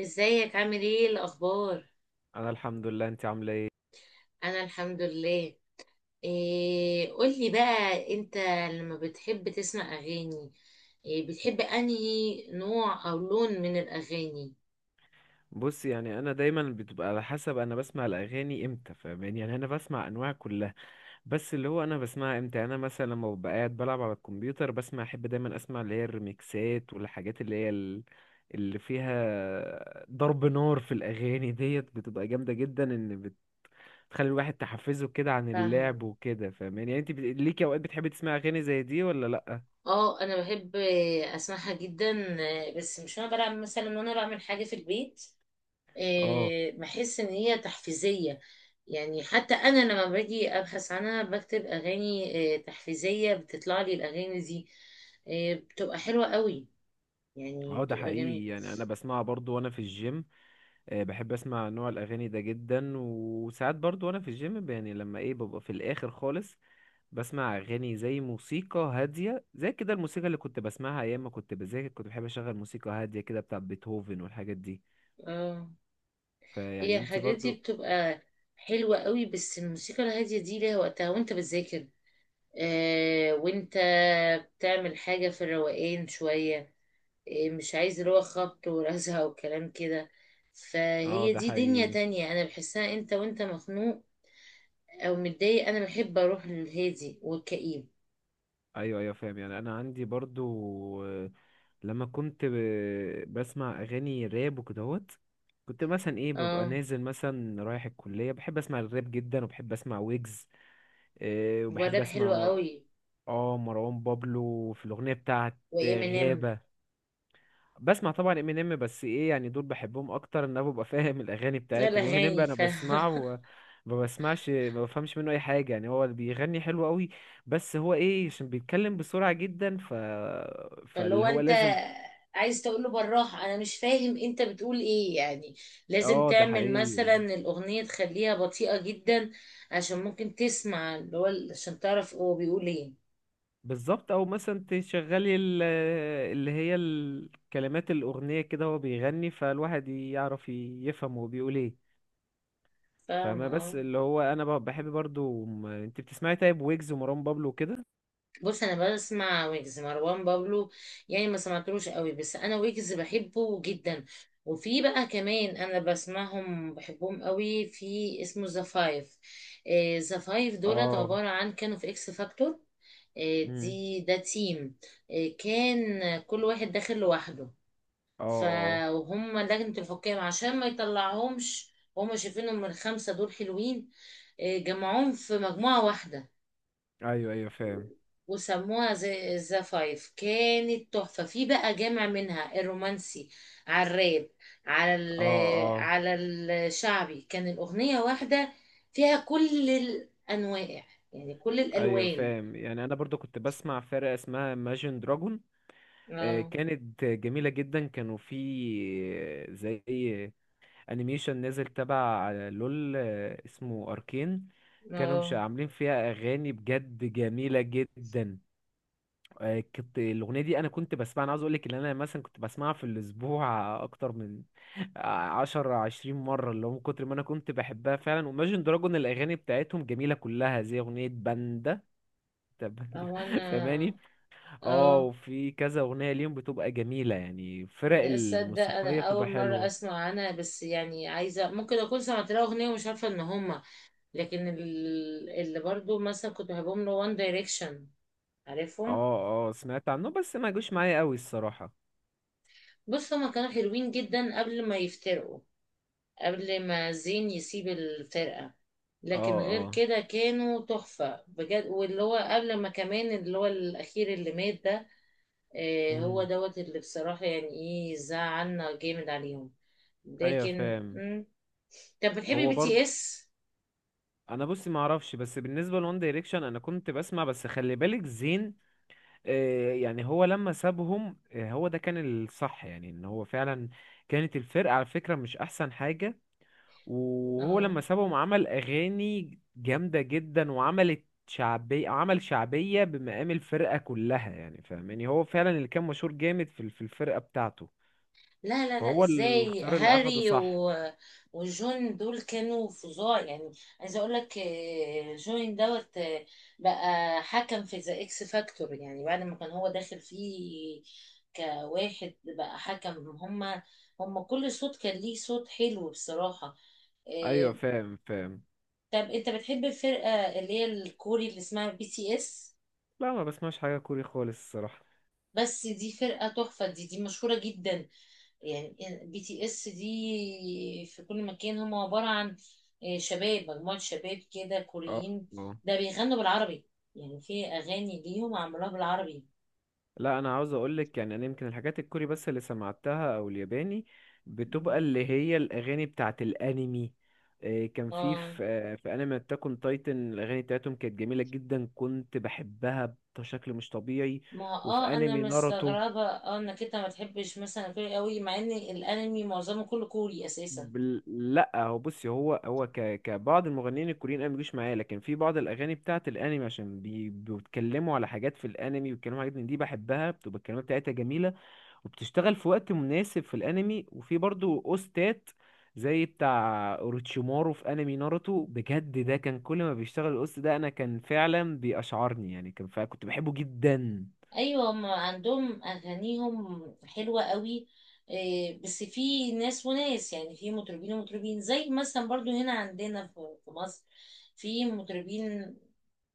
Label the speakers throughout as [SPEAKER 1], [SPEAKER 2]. [SPEAKER 1] ازيك، عامل ايه الاخبار؟
[SPEAKER 2] انا الحمد لله، انت عامله ايه؟
[SPEAKER 1] انا الحمد لله. إيه، قولي بقى انت، لما بتحب تسمع اغاني، إيه بتحب انهي نوع او لون من الاغاني؟
[SPEAKER 2] بص، يعني انا دايما بتبقى على حسب، انا بسمع الاغاني امتى. فاهماني؟ يعني انا بسمع انواع كلها، بس اللي هو انا بسمعها امتى. يعني انا مثلا لما ببقى قاعد بلعب على الكمبيوتر بسمع، احب دايما اسمع اللي هي الريميكسات والحاجات اللي هي اللي فيها ضرب نار في الاغاني ديت بتبقى جامده جدا، ان بتخلي الواحد تحفزه كده عن
[SPEAKER 1] فاهم.
[SPEAKER 2] اللعب وكده. فاهماني؟ يعني انت ليكي اوقات بتحبي تسمعي اغاني زي دي ولا لا؟
[SPEAKER 1] اه، انا بحب اسمعها جدا. بس مش وانا بلعب، مثلا وانا بعمل حاجه في البيت.
[SPEAKER 2] اه،
[SPEAKER 1] إيه، بحس ان هي تحفيزيه. يعني حتى انا لما باجي ابحث عنها، بكتب اغاني تحفيزيه، بتطلع لي الاغاني دي. بتبقى حلوه قوي، يعني
[SPEAKER 2] اه، ده
[SPEAKER 1] بتبقى
[SPEAKER 2] حقيقي.
[SPEAKER 1] جميل.
[SPEAKER 2] يعني انا بسمعها برضو وانا في الجيم. بحب اسمع نوع الاغاني ده جدا، وساعات برضو وانا في الجيم يعني لما ببقى في الاخر خالص، بسمع اغاني زي موسيقى هاديه، زي كده الموسيقى اللي كنت بسمعها ايام ما كنت بذاكر، كنت بحب اشغل موسيقى هاديه كده بتاع بيتهوفن والحاجات دي.
[SPEAKER 1] اه،
[SPEAKER 2] فيعني
[SPEAKER 1] هي
[SPEAKER 2] انتي
[SPEAKER 1] الحاجات دي
[SPEAKER 2] برضو؟
[SPEAKER 1] بتبقى حلوة قوي، بس الموسيقى الهادية دي ليها وقتها وانت بتذاكر. آه، وانت بتعمل حاجة في الروقان شوية. آه، مش عايز اللي هو خبط ورزع وكلام كده.
[SPEAKER 2] اه،
[SPEAKER 1] فهي
[SPEAKER 2] ده
[SPEAKER 1] دي دنيا
[SPEAKER 2] حقيقي.
[SPEAKER 1] تانية، انا بحسها انت وانت مخنوق او متضايق، انا بحب اروح للهادي والكئيب.
[SPEAKER 2] ايوه، ايوه، فاهم. يعني انا عندي برضو، لما كنت بسمع اغاني راب وكدهوت، كنت مثلا ببقى
[SPEAKER 1] اه،
[SPEAKER 2] نازل مثلا رايح الكليه، بحب اسمع الراب جدا وبحب اسمع ويجز. إيه، وبحب
[SPEAKER 1] والراب
[SPEAKER 2] اسمع
[SPEAKER 1] حلو
[SPEAKER 2] مروان.
[SPEAKER 1] قوي.
[SPEAKER 2] اه، مروان بابلو في الاغنيه بتاعت
[SPEAKER 1] وامينيم.
[SPEAKER 2] غابه. بسمع طبعا امينيم، بس يعني دول بحبهم اكتر، ان انا ببقى فاهم الاغاني بتاعتهم. امينيم
[SPEAKER 1] الاغاني
[SPEAKER 2] بقى انا
[SPEAKER 1] ف
[SPEAKER 2] بسمعه ما بسمعش، ما بفهمش منه اي حاجه، يعني هو اللي بيغني حلو قوي، بس هو عشان بيتكلم بسرعه جدا،
[SPEAKER 1] فاللي
[SPEAKER 2] فاللي
[SPEAKER 1] هو
[SPEAKER 2] هو
[SPEAKER 1] انت
[SPEAKER 2] لازم.
[SPEAKER 1] عايز تقول له بالراحه، انا مش فاهم انت بتقول ايه يعني، لازم
[SPEAKER 2] اه، ده
[SPEAKER 1] تعمل
[SPEAKER 2] حقيقي
[SPEAKER 1] مثلا
[SPEAKER 2] يعني.
[SPEAKER 1] الاغنيه تخليها بطيئه جدا. عشان ممكن تسمع، اللي هو عشان تعرف هو بيقول ايه.
[SPEAKER 2] بالظبط، او مثلا تشغلي اللي هي الكلمات الاغنيه كده هو بيغني، فالواحد يعرف يفهم هو بيقول ايه.
[SPEAKER 1] فاهمه،
[SPEAKER 2] فاهمة؟ بس
[SPEAKER 1] اه.
[SPEAKER 2] اللي هو انا بحب برضو، انت بتسمعي طيب ويجز ومروان بابلو وكده؟
[SPEAKER 1] بص، انا بسمع ويجز، مروان بابلو. يعني، ما سمعتلوش قوي، بس انا ويجز بحبه جدا. وفي بقى كمان انا بسمعهم، بحبهم قوي في اسمه ذا فايف. ذا فايف دولت
[SPEAKER 2] اه.
[SPEAKER 1] عباره عن كانوا في اكس فاكتور.
[SPEAKER 2] امم.
[SPEAKER 1] دي ده تيم. كان كل واحد داخل لوحده.
[SPEAKER 2] اه، اه.
[SPEAKER 1] فهم لجنة الحكام عشان ما يطلعهمش، هم شايفينهم الخمسة دول حلوين. جمعوهم في مجموعة واحدة،
[SPEAKER 2] ايوه، ايوه، فاهم.
[SPEAKER 1] وسموها زي ذا فايف. كانت تحفة، في بقى جامع منها الرومانسي، على الراب، على ال-
[SPEAKER 2] اه، اه.
[SPEAKER 1] على الشعبي. كان الأغنية واحدة فيها كل الأنواع، يعني كل
[SPEAKER 2] ايوه،
[SPEAKER 1] الألوان.
[SPEAKER 2] فاهم. يعني انا برضو كنت بسمع فرقة اسمها Imagine Dragon. آه،
[SPEAKER 1] اه،
[SPEAKER 2] كانت جميلة جدا. كانوا في زي انيميشن نزل تبع لول، اسمه اركين. كانوا مش
[SPEAKER 1] اه،
[SPEAKER 2] عاملين فيها اغاني بجد جميلة جدا. كنت الاغنيه دي انا كنت بسمعها، انا عاوز اقول لك ان انا مثلا كنت بسمعها في الاسبوع اكتر من 10 20 مره، اللي هو من كتر ما انا كنت بحبها فعلا. وماجن دراجون الاغاني بتاعتهم جميله كلها زي اغنيه باندا. طب-
[SPEAKER 1] او انا،
[SPEAKER 2] فاهماني؟ اه،
[SPEAKER 1] اه.
[SPEAKER 2] وفي كذا اغنيه ليهم بتبقى جميله، يعني الفرق
[SPEAKER 1] لا، تصدق انا
[SPEAKER 2] الموسيقيه بتبقى
[SPEAKER 1] اول مره
[SPEAKER 2] حلوه.
[SPEAKER 1] اسمع عنها، بس يعني عايزه، ممكن اكون سمعت لها اغنيه ومش عارفه ان هما. لكن ال- اللي برضو مثلا كنت بحبهم، له وان دايركشن، عارفهم؟
[SPEAKER 2] اه، اه، سمعت عنه بس ما جوش معايا قوي الصراحه.
[SPEAKER 1] بص، هما كانوا حلوين جدا قبل ما يفترقوا، قبل ما زين يسيب الفرقه.
[SPEAKER 2] اه،
[SPEAKER 1] لكن غير
[SPEAKER 2] اه.
[SPEAKER 1] كده كانوا تحفه بجد، واللي هو قبل ما كمان اللي هو الاخير اللي مات ده، هو
[SPEAKER 2] امم.
[SPEAKER 1] دوت اللي بصراحة يعني ايه زعلنا جامد عليهم.
[SPEAKER 2] ايوه،
[SPEAKER 1] لكن
[SPEAKER 2] فاهم.
[SPEAKER 1] مم. طب، بتحبي
[SPEAKER 2] هو
[SPEAKER 1] بي تي
[SPEAKER 2] برضو.
[SPEAKER 1] اس؟
[SPEAKER 2] انا بصي ما اعرفش، بس بالنسبه لون دايركشن انا كنت بسمع، بس خلي بالك زين، آه، يعني هو لما سابهم، هو ده كان الصح. يعني ان هو فعلا كانت الفرقه على فكره مش احسن حاجه، وهو
[SPEAKER 1] اه،
[SPEAKER 2] لما سابهم عمل اغاني جامده جدا وعملت شعبيه، عمل شعبيه بمقام الفرقه كلها. يعني فاهماني؟ هو فعلا اللي كان مشهور جامد في الفرقه بتاعته.
[SPEAKER 1] لا لا لا،
[SPEAKER 2] فهو
[SPEAKER 1] ازاي
[SPEAKER 2] الاختيار اللي اخده
[SPEAKER 1] هاري
[SPEAKER 2] صح.
[SPEAKER 1] وجون دول كانوا فظاع يعني. عايزة اقول لك، جون دوت، بقى حكم في ذا اكس فاكتور، يعني بعد ما كان هو داخل فيه كواحد بقى حكم، هما كل صوت كان ليه صوت حلو بصراحة.
[SPEAKER 2] ايوه،
[SPEAKER 1] آه،
[SPEAKER 2] فاهم فاهم.
[SPEAKER 1] طب، انت بتحب الفرقة اللي هي الكوري اللي اسمها بي تي اس؟
[SPEAKER 2] لا، ما بسمعش حاجه كوري خالص الصراحه.
[SPEAKER 1] بس دي فرقة تحفة، دي مشهورة جدا، يعني بي تي اس دي في كل مكان. هم عبارة عن شباب، مجموعة شباب كده
[SPEAKER 2] اه.
[SPEAKER 1] كوريين.
[SPEAKER 2] آه.
[SPEAKER 1] ده بيغنوا بالعربي، يعني في أغاني ليهم عملوها بالعربي.
[SPEAKER 2] لا، انا عاوز اقولك، يعني انا يمكن الحاجات الكوري بس اللي سمعتها او الياباني، بتبقى
[SPEAKER 1] مم.
[SPEAKER 2] اللي هي الاغاني بتاعت الانمي. إيه، كان
[SPEAKER 1] اه،
[SPEAKER 2] في انمي اتاك اون تايتن الاغاني بتاعتهم كانت جميله جدا، كنت بحبها بشكل مش طبيعي.
[SPEAKER 1] ما
[SPEAKER 2] وفي
[SPEAKER 1] انا
[SPEAKER 2] انمي ناروتو،
[SPEAKER 1] مستغربة، انك انت ما تحبش مثلا كوري قوي، مع ان الانمي معظمه كله كوري اساسا.
[SPEAKER 2] لا هو بصي، هو كبعض المغنيين الكوريين انا مبيجوش معايا، لكن في بعض الاغاني بتاعت الانمي عشان بيتكلموا على حاجات في الانمي، ويتكلموا على حاجات من دي بحبها، بتبقى الكلمات بتاعتها جميله وبتشتغل في وقت مناسب في الانمي، وفي برضو اوستات زي بتاع اوروتشيمارو في انمي ناروتو. بجد ده كان كل ما بيشتغل الاوست ده انا كان فعلا بيأشعرني، يعني كان فعلا كنت بحبه جدا.
[SPEAKER 1] ايوه، ما عندهم اغانيهم حلوه قوي. إيه، بس في ناس وناس، يعني في مطربين ومطربين، زي مثلا برضو هنا عندنا في مصر، في مطربين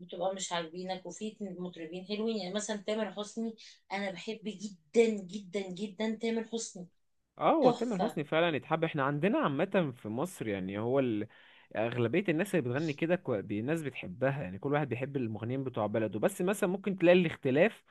[SPEAKER 1] بتبقى مش عاجبينك، وفي مطربين حلوين، يعني مثلا تامر حسني. انا بحب جدا جدا جدا تامر حسني.
[SPEAKER 2] اه، هو تامر
[SPEAKER 1] تحفه.
[SPEAKER 2] حسني فعلا يتحب، احنا عندنا عامة في مصر، يعني هو أغلبية الناس اللي بتغني كده الناس بتحبها، يعني كل واحد بيحب المغنيين بتوع بلده، بس مثلا ممكن تلاقي الاختلاف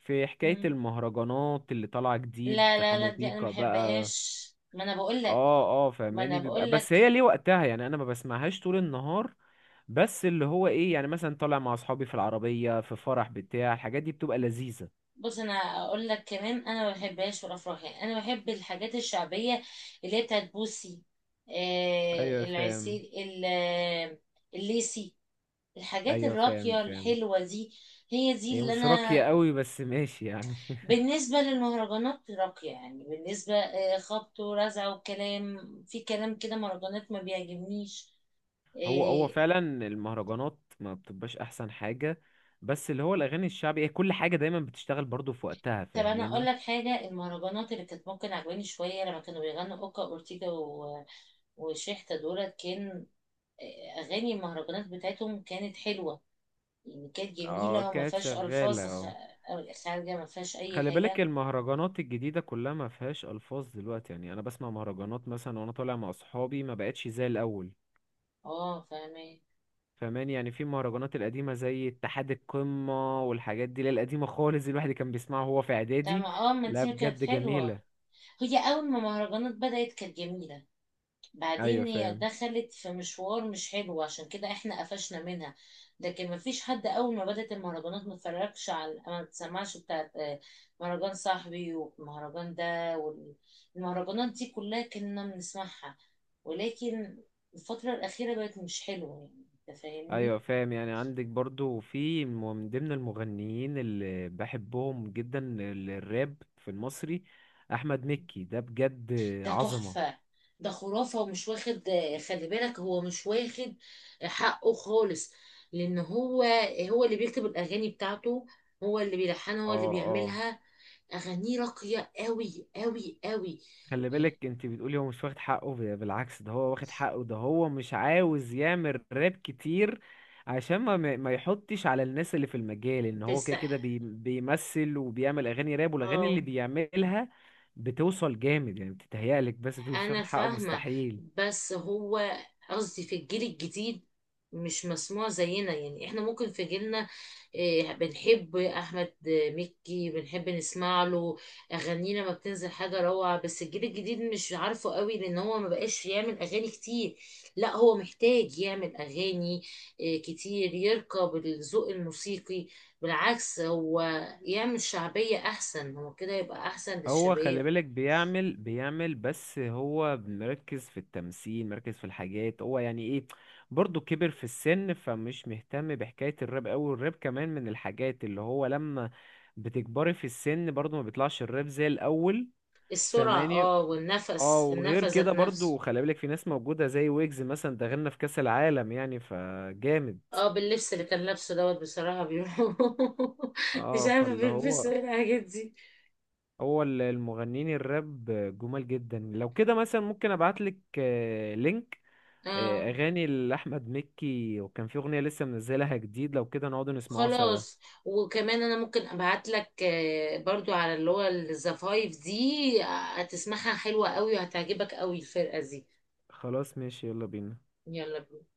[SPEAKER 2] في حكاية
[SPEAKER 1] مم.
[SPEAKER 2] المهرجانات اللي طالعة جديد،
[SPEAKER 1] لا لا
[SPEAKER 2] حمو
[SPEAKER 1] لا، دي انا ما
[SPEAKER 2] بيكا بقى.
[SPEAKER 1] بحبهاش، ما انا بقول لك.
[SPEAKER 2] اه، اه،
[SPEAKER 1] ما انا
[SPEAKER 2] فاهماني، بيبقى
[SPEAKER 1] بقول
[SPEAKER 2] بس
[SPEAKER 1] لك.
[SPEAKER 2] هي ليه وقتها، يعني انا ما بسمعهاش طول النهار. بس اللي هو يعني مثلا طالع مع اصحابي في العربية في فرح بتاع، الحاجات دي بتبقى لذيذة.
[SPEAKER 1] بص، انا اقول لك كمان، انا ما بحبهاش في الافراح، يعني انا بحب الحاجات الشعبيه، اللي هي بتاعت بوسي،
[SPEAKER 2] ايوه، فاهم.
[SPEAKER 1] العسيل ال- الليسي، الحاجات
[SPEAKER 2] ايوه، فاهم
[SPEAKER 1] الراقيه
[SPEAKER 2] فاهم.
[SPEAKER 1] الحلوه دي. هي دي
[SPEAKER 2] هي
[SPEAKER 1] اللي
[SPEAKER 2] مش راقية
[SPEAKER 1] انا.
[SPEAKER 2] قوي، بس ماشي يعني
[SPEAKER 1] بالنسبه للمهرجانات راقيه، يعني بالنسبه خبط ورزع وكلام، في كلام كده مهرجانات ما بيعجبنيش.
[SPEAKER 2] هو
[SPEAKER 1] آه.
[SPEAKER 2] فعلا المهرجانات ما بتبقاش احسن حاجة، بس اللي هو الاغاني الشعبي هي كل حاجة دايما بتشتغل برضو في وقتها.
[SPEAKER 1] طب، انا اقول
[SPEAKER 2] فاهماني؟
[SPEAKER 1] لك حاجه، المهرجانات اللي كانت ممكن عجباني شويه لما كانوا بيغنوا اوكا اورتيجا وشيحتا دولت، كان اغاني المهرجانات بتاعتهم كانت حلوه، يعني كانت
[SPEAKER 2] اه،
[SPEAKER 1] جميله، وما
[SPEAKER 2] كانت
[SPEAKER 1] فيهاش
[SPEAKER 2] شغالة
[SPEAKER 1] الفاظ خ-
[SPEAKER 2] اه.
[SPEAKER 1] خارجه، ما فيهاش اي
[SPEAKER 2] خلي بالك،
[SPEAKER 1] حاجه.
[SPEAKER 2] المهرجانات الجديدة كلها ما فيهاش ألفاظ دلوقتي، يعني أنا بسمع مهرجانات مثلا وأنا طالع مع أصحابي، ما بقتش زي الأول.
[SPEAKER 1] اه، فاهمه.
[SPEAKER 2] فماني؟ يعني في المهرجانات القديمة زي اتحاد القمة والحاجات دي اللي هي القديمة خالص دي، الواحد كان بيسمعها وهو في
[SPEAKER 1] طب
[SPEAKER 2] إعدادي.
[SPEAKER 1] ما- اه، ما
[SPEAKER 2] لا،
[SPEAKER 1] دي كانت
[SPEAKER 2] بجد جميلة.
[SPEAKER 1] حلوه. هي اول ما المهرجانات بدات كانت جميله،
[SPEAKER 2] أيوة،
[SPEAKER 1] بعدين هي
[SPEAKER 2] فاهم.
[SPEAKER 1] دخلت في مشوار مش حلو، عشان كده احنا قفشنا منها. لكن مفيش حد اول ما بدأت المهرجانات ما اتفرجش على، ما تسمعش بتاعت مهرجان صاحبي والمهرجان ده، والمهرجانات دي كلها كنا بنسمعها. ولكن الفترة الأخيرة بقت مش حلوة، يعني. انت فاهمني؟
[SPEAKER 2] أيوة، فاهم. يعني عندك برضو في من ضمن المغنيين اللي بحبهم جدا، الراب في المصري، أحمد مكي، ده بجد
[SPEAKER 1] ده
[SPEAKER 2] عظمة.
[SPEAKER 1] تحفة، ده خرافة، ومش واخد. خلي بالك، هو مش واخد حقه خالص، لأن هو اللي بيكتب الأغاني بتاعته، هو اللي بيلحنها،
[SPEAKER 2] اه،
[SPEAKER 1] هو اللي
[SPEAKER 2] اه،
[SPEAKER 1] بيعملها. أغانيه راقية قوي قوي قوي،
[SPEAKER 2] خلي
[SPEAKER 1] يعني.
[SPEAKER 2] بالك انت بتقولي هو مش واخد حقه، بالعكس، ده هو واخد حقه، ده هو مش عاوز يعمل راب كتير عشان ما يحطش على الناس اللي في المجال، ان هو
[SPEAKER 1] بس،
[SPEAKER 2] كده كده بيمثل وبيعمل اغاني راب، والاغاني
[SPEAKER 1] اه،
[SPEAKER 2] اللي بيعملها بتوصل جامد، يعني بتتهيألك بس بتقولي مش
[SPEAKER 1] انا
[SPEAKER 2] واخد حقه،
[SPEAKER 1] فاهمة،
[SPEAKER 2] مستحيل.
[SPEAKER 1] بس هو، قصدي في الجيل الجديد، مش مسموع زينا. يعني احنا ممكن في جيلنا، إيه، بنحب احمد مكي، بنحب نسمع له، اغانينا ما بتنزل حاجة روعة، بس الجيل الجديد مش عارفه قوي، لان هو ما بقاش يعمل اغاني كتير. لا، هو محتاج يعمل اغاني إيه، كتير، يركب الذوق الموسيقي. بالعكس، هو يعمل شعبية احسن، هو كده يبقى احسن
[SPEAKER 2] هو خلي
[SPEAKER 1] للشباب.
[SPEAKER 2] بالك بيعمل بس هو مركز في التمثيل، مركز في الحاجات، هو يعني ايه، برضه كبر في السن، فمش مهتم بحكاية الراب أوي، والراب كمان من الحاجات اللي هو لما بتكبري في السن برضه ما بيطلعش الراب زي الأول.
[SPEAKER 1] السرعة،
[SPEAKER 2] فاهماني؟
[SPEAKER 1] اه،
[SPEAKER 2] اه،
[SPEAKER 1] والنفس
[SPEAKER 2] وغير
[SPEAKER 1] النفس
[SPEAKER 2] كده
[SPEAKER 1] ذات
[SPEAKER 2] برضه
[SPEAKER 1] نفسه.
[SPEAKER 2] خلي بالك في ناس موجودة زي ويجز مثلا، ده غنى في كأس العالم يعني، فجامد.
[SPEAKER 1] اه، باللبس اللي كان لابسه دوت، بصراحة بيقولوا مش
[SPEAKER 2] اه،
[SPEAKER 1] عارفة
[SPEAKER 2] فاللي
[SPEAKER 1] بيلبسوا
[SPEAKER 2] هو،
[SPEAKER 1] ايه الحاجات دي.
[SPEAKER 2] هو المغنيين الراب جمال جدا. لو كده مثلا ممكن ابعتلك لينك،
[SPEAKER 1] اه،
[SPEAKER 2] اغاني لاحمد مكي، وكان في اغنيه لسه منزلها جديد، لو كده نقعد نسمعوها سوا.
[SPEAKER 1] خلاص. وكمان انا ممكن ابعت لك، برضو على اللي هو الزفايف دي، هتسمعها حلوة قوي، وهتعجبك قوي الفرقة دي.
[SPEAKER 2] خلاص، ماشي، يلا بينا.
[SPEAKER 1] يلا بينا.